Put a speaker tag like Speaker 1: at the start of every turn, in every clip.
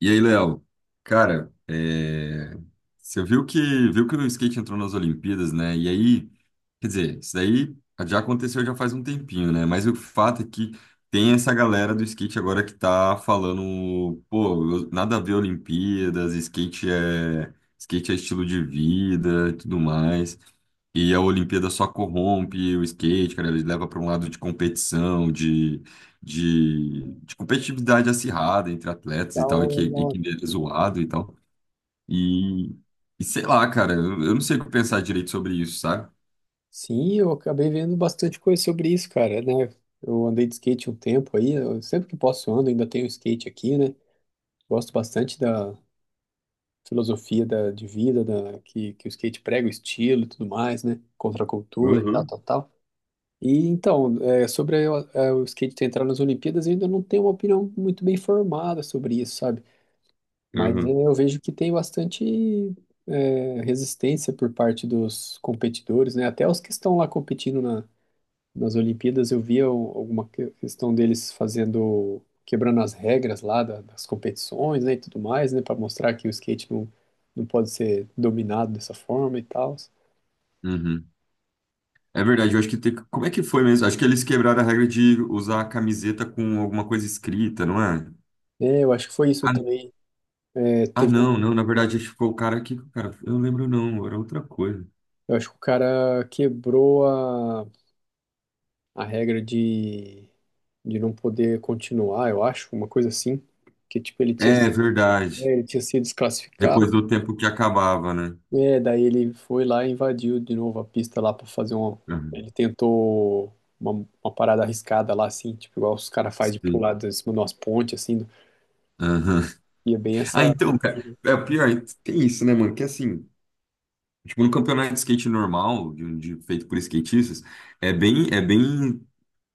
Speaker 1: E aí, Léo, cara, você viu que o skate entrou nas Olimpíadas, né? Quer dizer, isso daí já aconteceu já faz um tempinho, né? Mas o fato é que tem essa galera do skate agora que tá falando, pô, nada a ver Olimpíadas, skate é estilo de vida, e tudo mais. E a Olimpíada só corrompe o skate, cara, ele leva para um lado de de competitividade acirrada entre atletas
Speaker 2: Dá
Speaker 1: e tal, e
Speaker 2: uma-
Speaker 1: que é zoado e tal. E, e sei lá, cara, eu não sei o que pensar direito sobre isso, sabe?
Speaker 2: Sim, eu acabei vendo bastante coisa sobre isso, cara, né? Eu andei de skate um tempo aí, eu sempre que posso eu ando, ainda tenho skate aqui, né? Gosto bastante da filosofia de vida, que o skate prega, o estilo e tudo mais, né? Contra a cultura e tal, tal, tal. E então, é, sobre o skate ter entrado nas Olimpíadas, eu ainda não tenho uma opinião muito bem formada sobre isso, sabe? Mas é,
Speaker 1: Uhum,
Speaker 2: eu vejo que tem bastante resistência por parte dos competidores, né? Até os que estão lá competindo nas Olimpíadas eu via questão deles fazendo, quebrando as regras lá das competições, né, e tudo mais, né, para mostrar que o skate não pode ser dominado dessa forma e tal.
Speaker 1: uhum. É verdade, eu acho que Como é que foi mesmo? Acho que eles quebraram a regra de usar a camiseta com alguma coisa escrita, não é?
Speaker 2: É, eu acho que foi isso
Speaker 1: Ah,
Speaker 2: também. É,
Speaker 1: ah, não, não, na verdade, acho que ficou o cara aqui, o cara... Eu não lembro não, era outra coisa.
Speaker 2: eu acho que o cara quebrou a regra de não poder continuar, eu acho, uma coisa assim, que tipo ele tinha,
Speaker 1: É verdade.
Speaker 2: é, ele tinha sido desclassificado.
Speaker 1: Depois do tempo que acabava, né?
Speaker 2: É, daí ele foi lá e invadiu de novo a pista lá pra fazer um.
Speaker 1: Uhum.
Speaker 2: Ele tentou uma parada arriscada lá, assim, tipo, igual os caras fazem de
Speaker 1: Sim.
Speaker 2: pular de cima de umas pontes, assim.
Speaker 1: Aham.
Speaker 2: E é bem
Speaker 1: Ah,
Speaker 2: essa.
Speaker 1: então, cara, é pior, tem isso, né, mano? Que assim, tipo, no campeonato de skate normal, feito por skatistas, é bem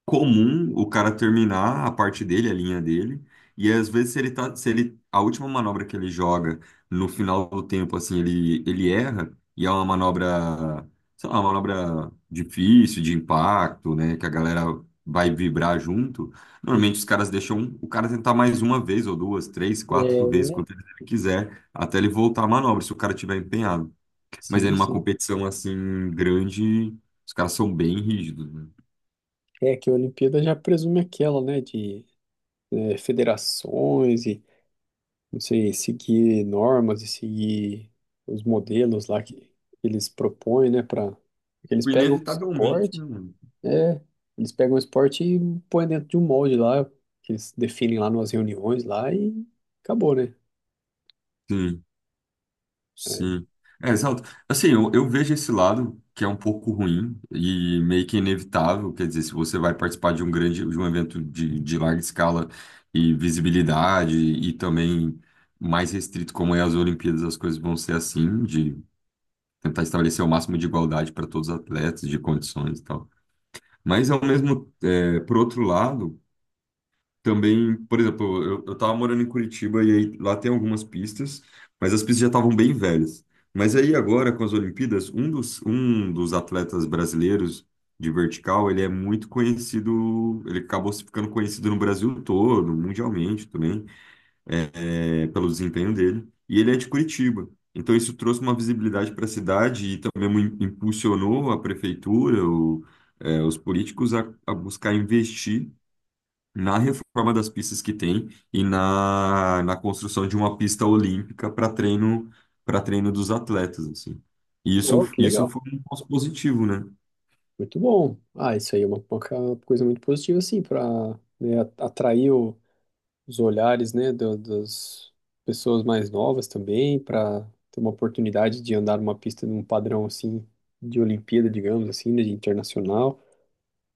Speaker 1: comum o cara terminar a parte dele, a linha dele, e às vezes se ele tá, se ele, a última manobra que ele joga no final do tempo, assim, ele erra, e é uma manobra, sei lá, uma manobra difícil, de impacto, né, que a galera vai vibrar junto, normalmente os caras deixam o cara tentar mais uma vez, ou duas, três, quatro vezes,
Speaker 2: É,
Speaker 1: quanto ele quiser, até ele voltar a manobra, se o cara tiver empenhado. Mas aí
Speaker 2: sim,
Speaker 1: numa
Speaker 2: sim.
Speaker 1: competição, assim, grande, os caras são bem rígidos, né.
Speaker 2: É que a Olimpíada já presume aquela, né, de é, federações e, não sei, seguir normas e seguir os modelos lá que eles propõem, né, para eles pegam o
Speaker 1: Inevitavelmente, né,
Speaker 2: suporte
Speaker 1: mano?
Speaker 2: É, eles pegam o esporte e põem dentro de um molde lá, que eles definem lá nas reuniões lá e acabou, né?
Speaker 1: Sim,
Speaker 2: Aí,
Speaker 1: sim. É,
Speaker 2: aí,
Speaker 1: exato. Assim, eu vejo esse lado que é um pouco ruim e meio que inevitável. Quer dizer, se você vai participar de de um evento de larga escala e visibilidade e também mais restrito, como é as Olimpíadas, as coisas vão ser assim, de tentar estabelecer o máximo de igualdade para todos os atletas, de condições e tal. Mas, ao mesmo, é, por outro lado, também, por exemplo, eu tava morando em Curitiba e aí lá tem algumas pistas, mas as pistas já estavam bem velhas. Mas aí agora, com as Olimpíadas, um dos atletas brasileiros de vertical, ele é muito conhecido, ele acabou se ficando conhecido no Brasil todo, mundialmente também, pelo desempenho dele. E ele é de Curitiba. Então isso trouxe uma visibilidade para a cidade e também impulsionou a prefeitura, os políticos a buscar investir na reforma das pistas que tem e na construção de uma pista olímpica para treino dos atletas assim. E
Speaker 2: oh, que
Speaker 1: isso
Speaker 2: legal.
Speaker 1: foi um ponto positivo, né?
Speaker 2: Muito bom. Ah, isso aí é uma, coisa muito positiva, assim, para atrair os olhares, né, das pessoas mais novas também, para ter uma oportunidade de andar numa pista num padrão, assim, de Olimpíada, digamos assim, né, de internacional.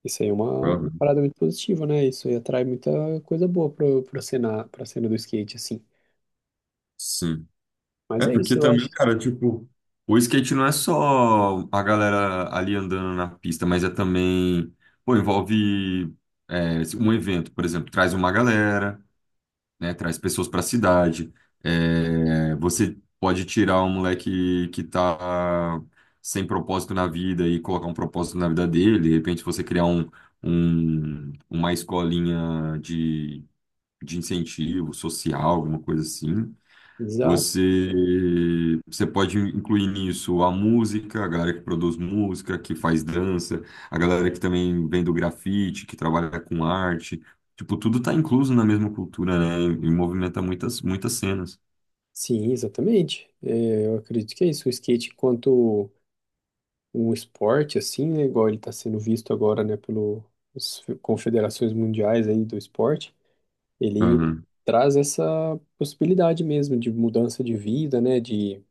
Speaker 2: Isso aí é uma
Speaker 1: Aham,
Speaker 2: parada muito positiva, né? Isso aí atrai muita coisa boa pro, pro cena, pra cena do skate, assim.
Speaker 1: sim.
Speaker 2: Mas
Speaker 1: É
Speaker 2: é
Speaker 1: porque
Speaker 2: isso, eu acho.
Speaker 1: também, cara, tipo, o skate não é só a galera ali andando na pista, mas é também, pô, envolve é, um evento, por exemplo, traz uma galera, né? Traz pessoas para a cidade. É, você pode tirar um moleque que tá sem propósito na vida e colocar um propósito na vida dele. De repente, você criar uma escolinha de incentivo social, alguma coisa assim.
Speaker 2: Exato.
Speaker 1: Você pode incluir nisso a música, a galera que produz música, que faz dança, a galera que também vem do grafite, que trabalha com arte. Tipo, tudo tá incluso na mesma cultura, né? E movimenta muitas cenas.
Speaker 2: Sim, exatamente. É, eu acredito que é isso. O skate, enquanto um esporte, assim, né? Igual ele está sendo visto agora, né? Pelas confederações mundiais aí do esporte. Ele
Speaker 1: Aham,
Speaker 2: traz essa possibilidade mesmo de mudança de vida, né, de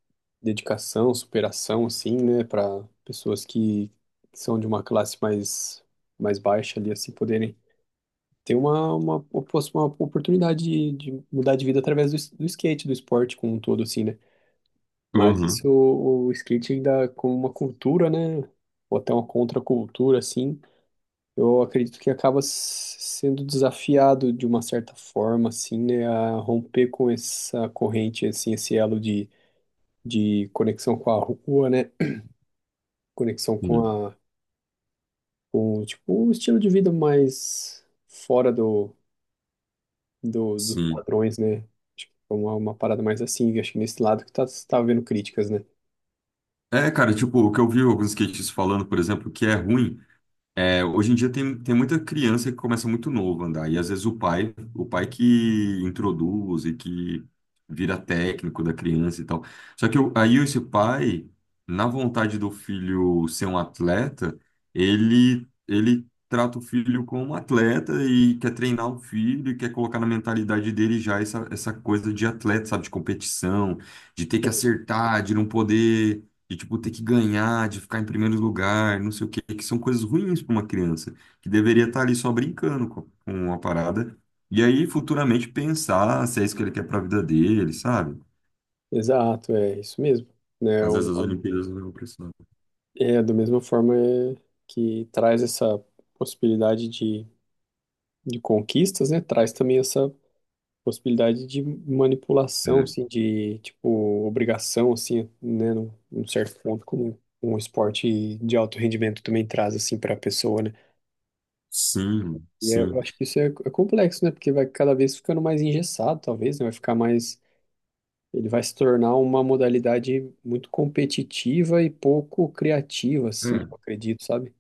Speaker 2: dedicação, superação, assim, né, para pessoas que são de uma classe mais, mais baixa ali, assim, poderem ter uma, uma oportunidade de mudar de vida através do skate, do esporte como um todo, assim, né. Mas isso,
Speaker 1: aham,
Speaker 2: o skate ainda como uma cultura, né, ou até uma contracultura, assim, eu acredito que acaba sendo desafiado de uma certa forma, assim, né, a romper com essa corrente, assim, esse elo de conexão com a rua, né, conexão com
Speaker 1: sim,
Speaker 2: a, com, tipo, um estilo de vida mais fora do, do, dos
Speaker 1: sim.
Speaker 2: padrões, né, tipo que é uma parada mais assim, acho que nesse lado que tá havendo críticas, né.
Speaker 1: É, cara, tipo, o que eu vi alguns skatistas falando, por exemplo, que é ruim. É, hoje em dia tem muita criança que começa muito novo a andar, e às vezes o pai que introduz e que vira técnico da criança e tal. Só que aí esse pai, na vontade do filho ser um atleta, ele trata o filho como um atleta e quer treinar o filho e quer colocar na mentalidade dele essa coisa de atleta, sabe, de competição, de ter que acertar, de não poder de tipo ter que ganhar, de ficar em primeiro lugar, não sei o quê, que são coisas ruins para uma criança que deveria
Speaker 2: Sim.
Speaker 1: estar ali só brincando com a parada e aí futuramente pensar se é isso que ele quer para a vida dele, sabe?
Speaker 2: Exato, é isso mesmo, né,
Speaker 1: Às vezes as Olimpíadas não é opressão.
Speaker 2: é da mesma forma é, que traz essa possibilidade de conquistas, né, traz também essa possibilidade de manipulação,
Speaker 1: É.
Speaker 2: assim, de, tipo, obrigação, assim, né, num, num certo ponto, como um esporte de alto rendimento também traz, assim, para a pessoa, né.
Speaker 1: Sim,
Speaker 2: Eu
Speaker 1: sim.
Speaker 2: acho que isso é, é complexo, né, porque vai cada vez ficando mais engessado, talvez, né, vai ficar mais... Ele vai se tornar uma modalidade muito competitiva e pouco criativa, assim, eu
Speaker 1: É.
Speaker 2: acredito, sabe?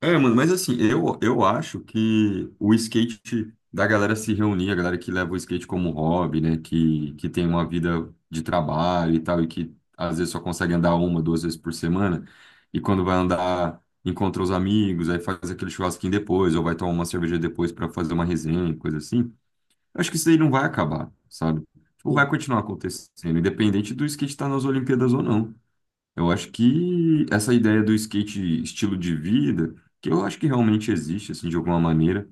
Speaker 1: É, mano, mas assim, eu acho que o skate da galera se reunir, a galera que leva o skate como hobby, né, que tem uma vida de trabalho e tal, e que às vezes só consegue andar uma, duas vezes por semana, e quando vai andar, encontra os amigos, aí faz aquele churrasquinho depois, ou vai tomar uma cerveja depois para fazer uma resenha, coisa assim. Eu acho que isso aí não vai acabar, sabe? Tipo, vai
Speaker 2: Sim.
Speaker 1: continuar acontecendo, independente do skate estar nas Olimpíadas ou não. Eu acho que essa ideia do skate estilo de vida, que eu acho que realmente existe, assim, de alguma maneira.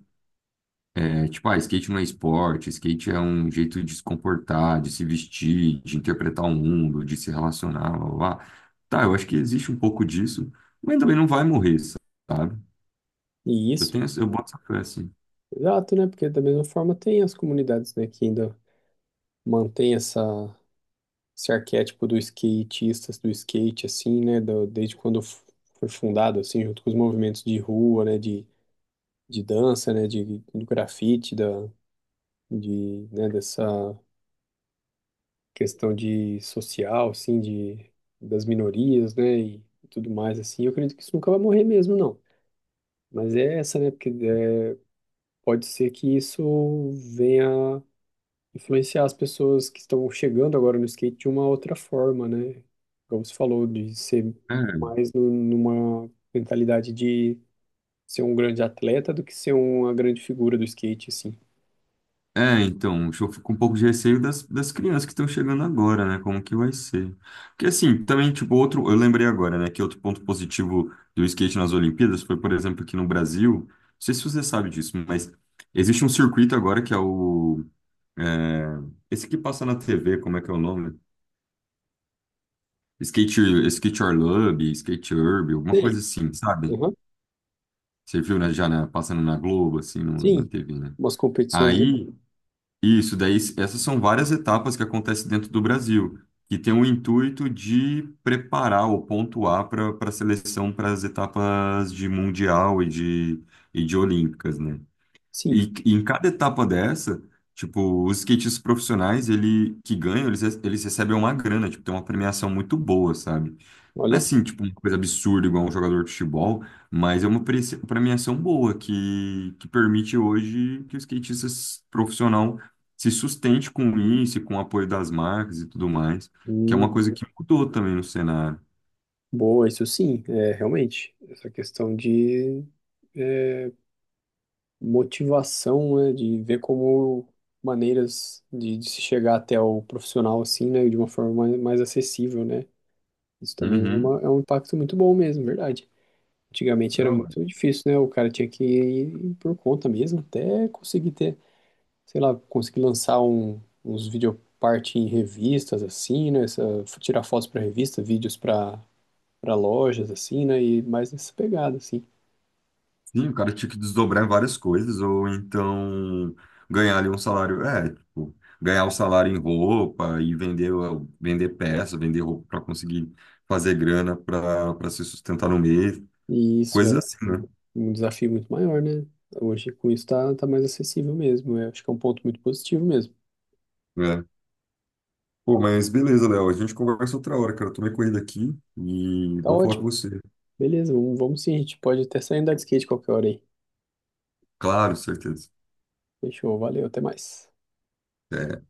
Speaker 1: É, tipo, ah, skate não é esporte, skate é um jeito de se comportar, de se vestir, de interpretar o mundo, de se relacionar, blá, blá, blá. Tá, eu acho que existe um pouco disso, mas também não vai morrer, sabe?
Speaker 2: E
Speaker 1: Eu
Speaker 2: isso,
Speaker 1: tenho, eu boto essa fé, assim.
Speaker 2: exato, né? Porque da mesma forma tem as comunidades, né, que ainda mantém essa esse arquétipo do skatista, do skate, assim, né, desde quando foi fundado, assim, junto com os movimentos de rua, né, de dança, né, de, do grafite, né, dessa questão de social, assim, de, das minorias, né, e tudo mais, assim, eu acredito que isso nunca vai morrer mesmo, não. Mas é essa, né, porque é, pode ser que isso venha influenciar as pessoas que estão chegando agora no skate de uma outra forma, né? Como você falou, de ser
Speaker 1: É,
Speaker 2: mais numa mentalidade de ser um grande atleta do que ser uma grande figura do skate, assim.
Speaker 1: é, então, eu fico um pouco de receio das crianças que estão chegando agora, né? Como que vai ser? Porque, assim, também, tipo, outro. Eu lembrei agora, né? Que outro ponto positivo do skate nas Olimpíadas foi, por exemplo, que no Brasil. Não sei se você sabe disso, mas existe um circuito agora que é é, esse que passa na TV, como é que é o nome? Skate, Skate Orlub, Skate Urb, alguma
Speaker 2: Sim,
Speaker 1: coisa assim, sabe?
Speaker 2: aham,
Speaker 1: Você viu, né? Passando na Globo, assim, na
Speaker 2: sim,
Speaker 1: TV, né?
Speaker 2: umas competições, né?
Speaker 1: Aí. Isso, essas são várias etapas que acontecem dentro do Brasil, que tem o intuito de preparar ou pontuar para a seleção para as etapas de Mundial e de Olímpicas, né?
Speaker 2: Sim,
Speaker 1: E em cada etapa dessa, tipo, os skatistas profissionais, eles, eles recebem uma grana, tipo, tem uma premiação muito boa, sabe? Não é
Speaker 2: olha.
Speaker 1: assim, tipo, uma coisa absurda igual um jogador de futebol, mas é uma premiação boa que permite hoje que o profissional se sustente com isso, e com o apoio das marcas e tudo mais, que é uma coisa
Speaker 2: Hum,
Speaker 1: que mudou também no cenário.
Speaker 2: boa, isso sim, é, realmente. Essa questão de motivação, né? De ver como maneiras de se chegar até o profissional, assim, né? De uma forma mais, mais acessível, né? Isso também é,
Speaker 1: Uhum.
Speaker 2: uma, é um impacto muito bom mesmo, verdade. Antigamente era muito difícil, né? O cara tinha que ir por conta mesmo, até conseguir ter, sei lá, conseguir lançar um, uns videopart em revistas, assim, né? Essa, tirar fotos para revista, vídeos para para lojas, assim, né? E mais nessa pegada, assim.
Speaker 1: Sim, o cara tinha que desdobrar em várias coisas, ou então ganhar ali um salário, é, tipo, ganhar o salário em roupa e vender peça, vender roupa para conseguir fazer grana para se sustentar no mês,
Speaker 2: E isso é
Speaker 1: coisas assim, né?
Speaker 2: um desafio muito maior, né? Hoje com isso tá, tá mais acessível mesmo. Eu acho que é um ponto muito positivo mesmo.
Speaker 1: É. Pô, mas beleza, Léo, a gente conversa outra hora, cara. Eu tô meio corrido aqui e
Speaker 2: Tá
Speaker 1: bom falar com
Speaker 2: ótimo.
Speaker 1: você.
Speaker 2: Beleza, vamos, vamos sim. A gente pode até sair andar de skate qualquer hora aí.
Speaker 1: Claro, certeza.
Speaker 2: Fechou, valeu, até mais.
Speaker 1: Até.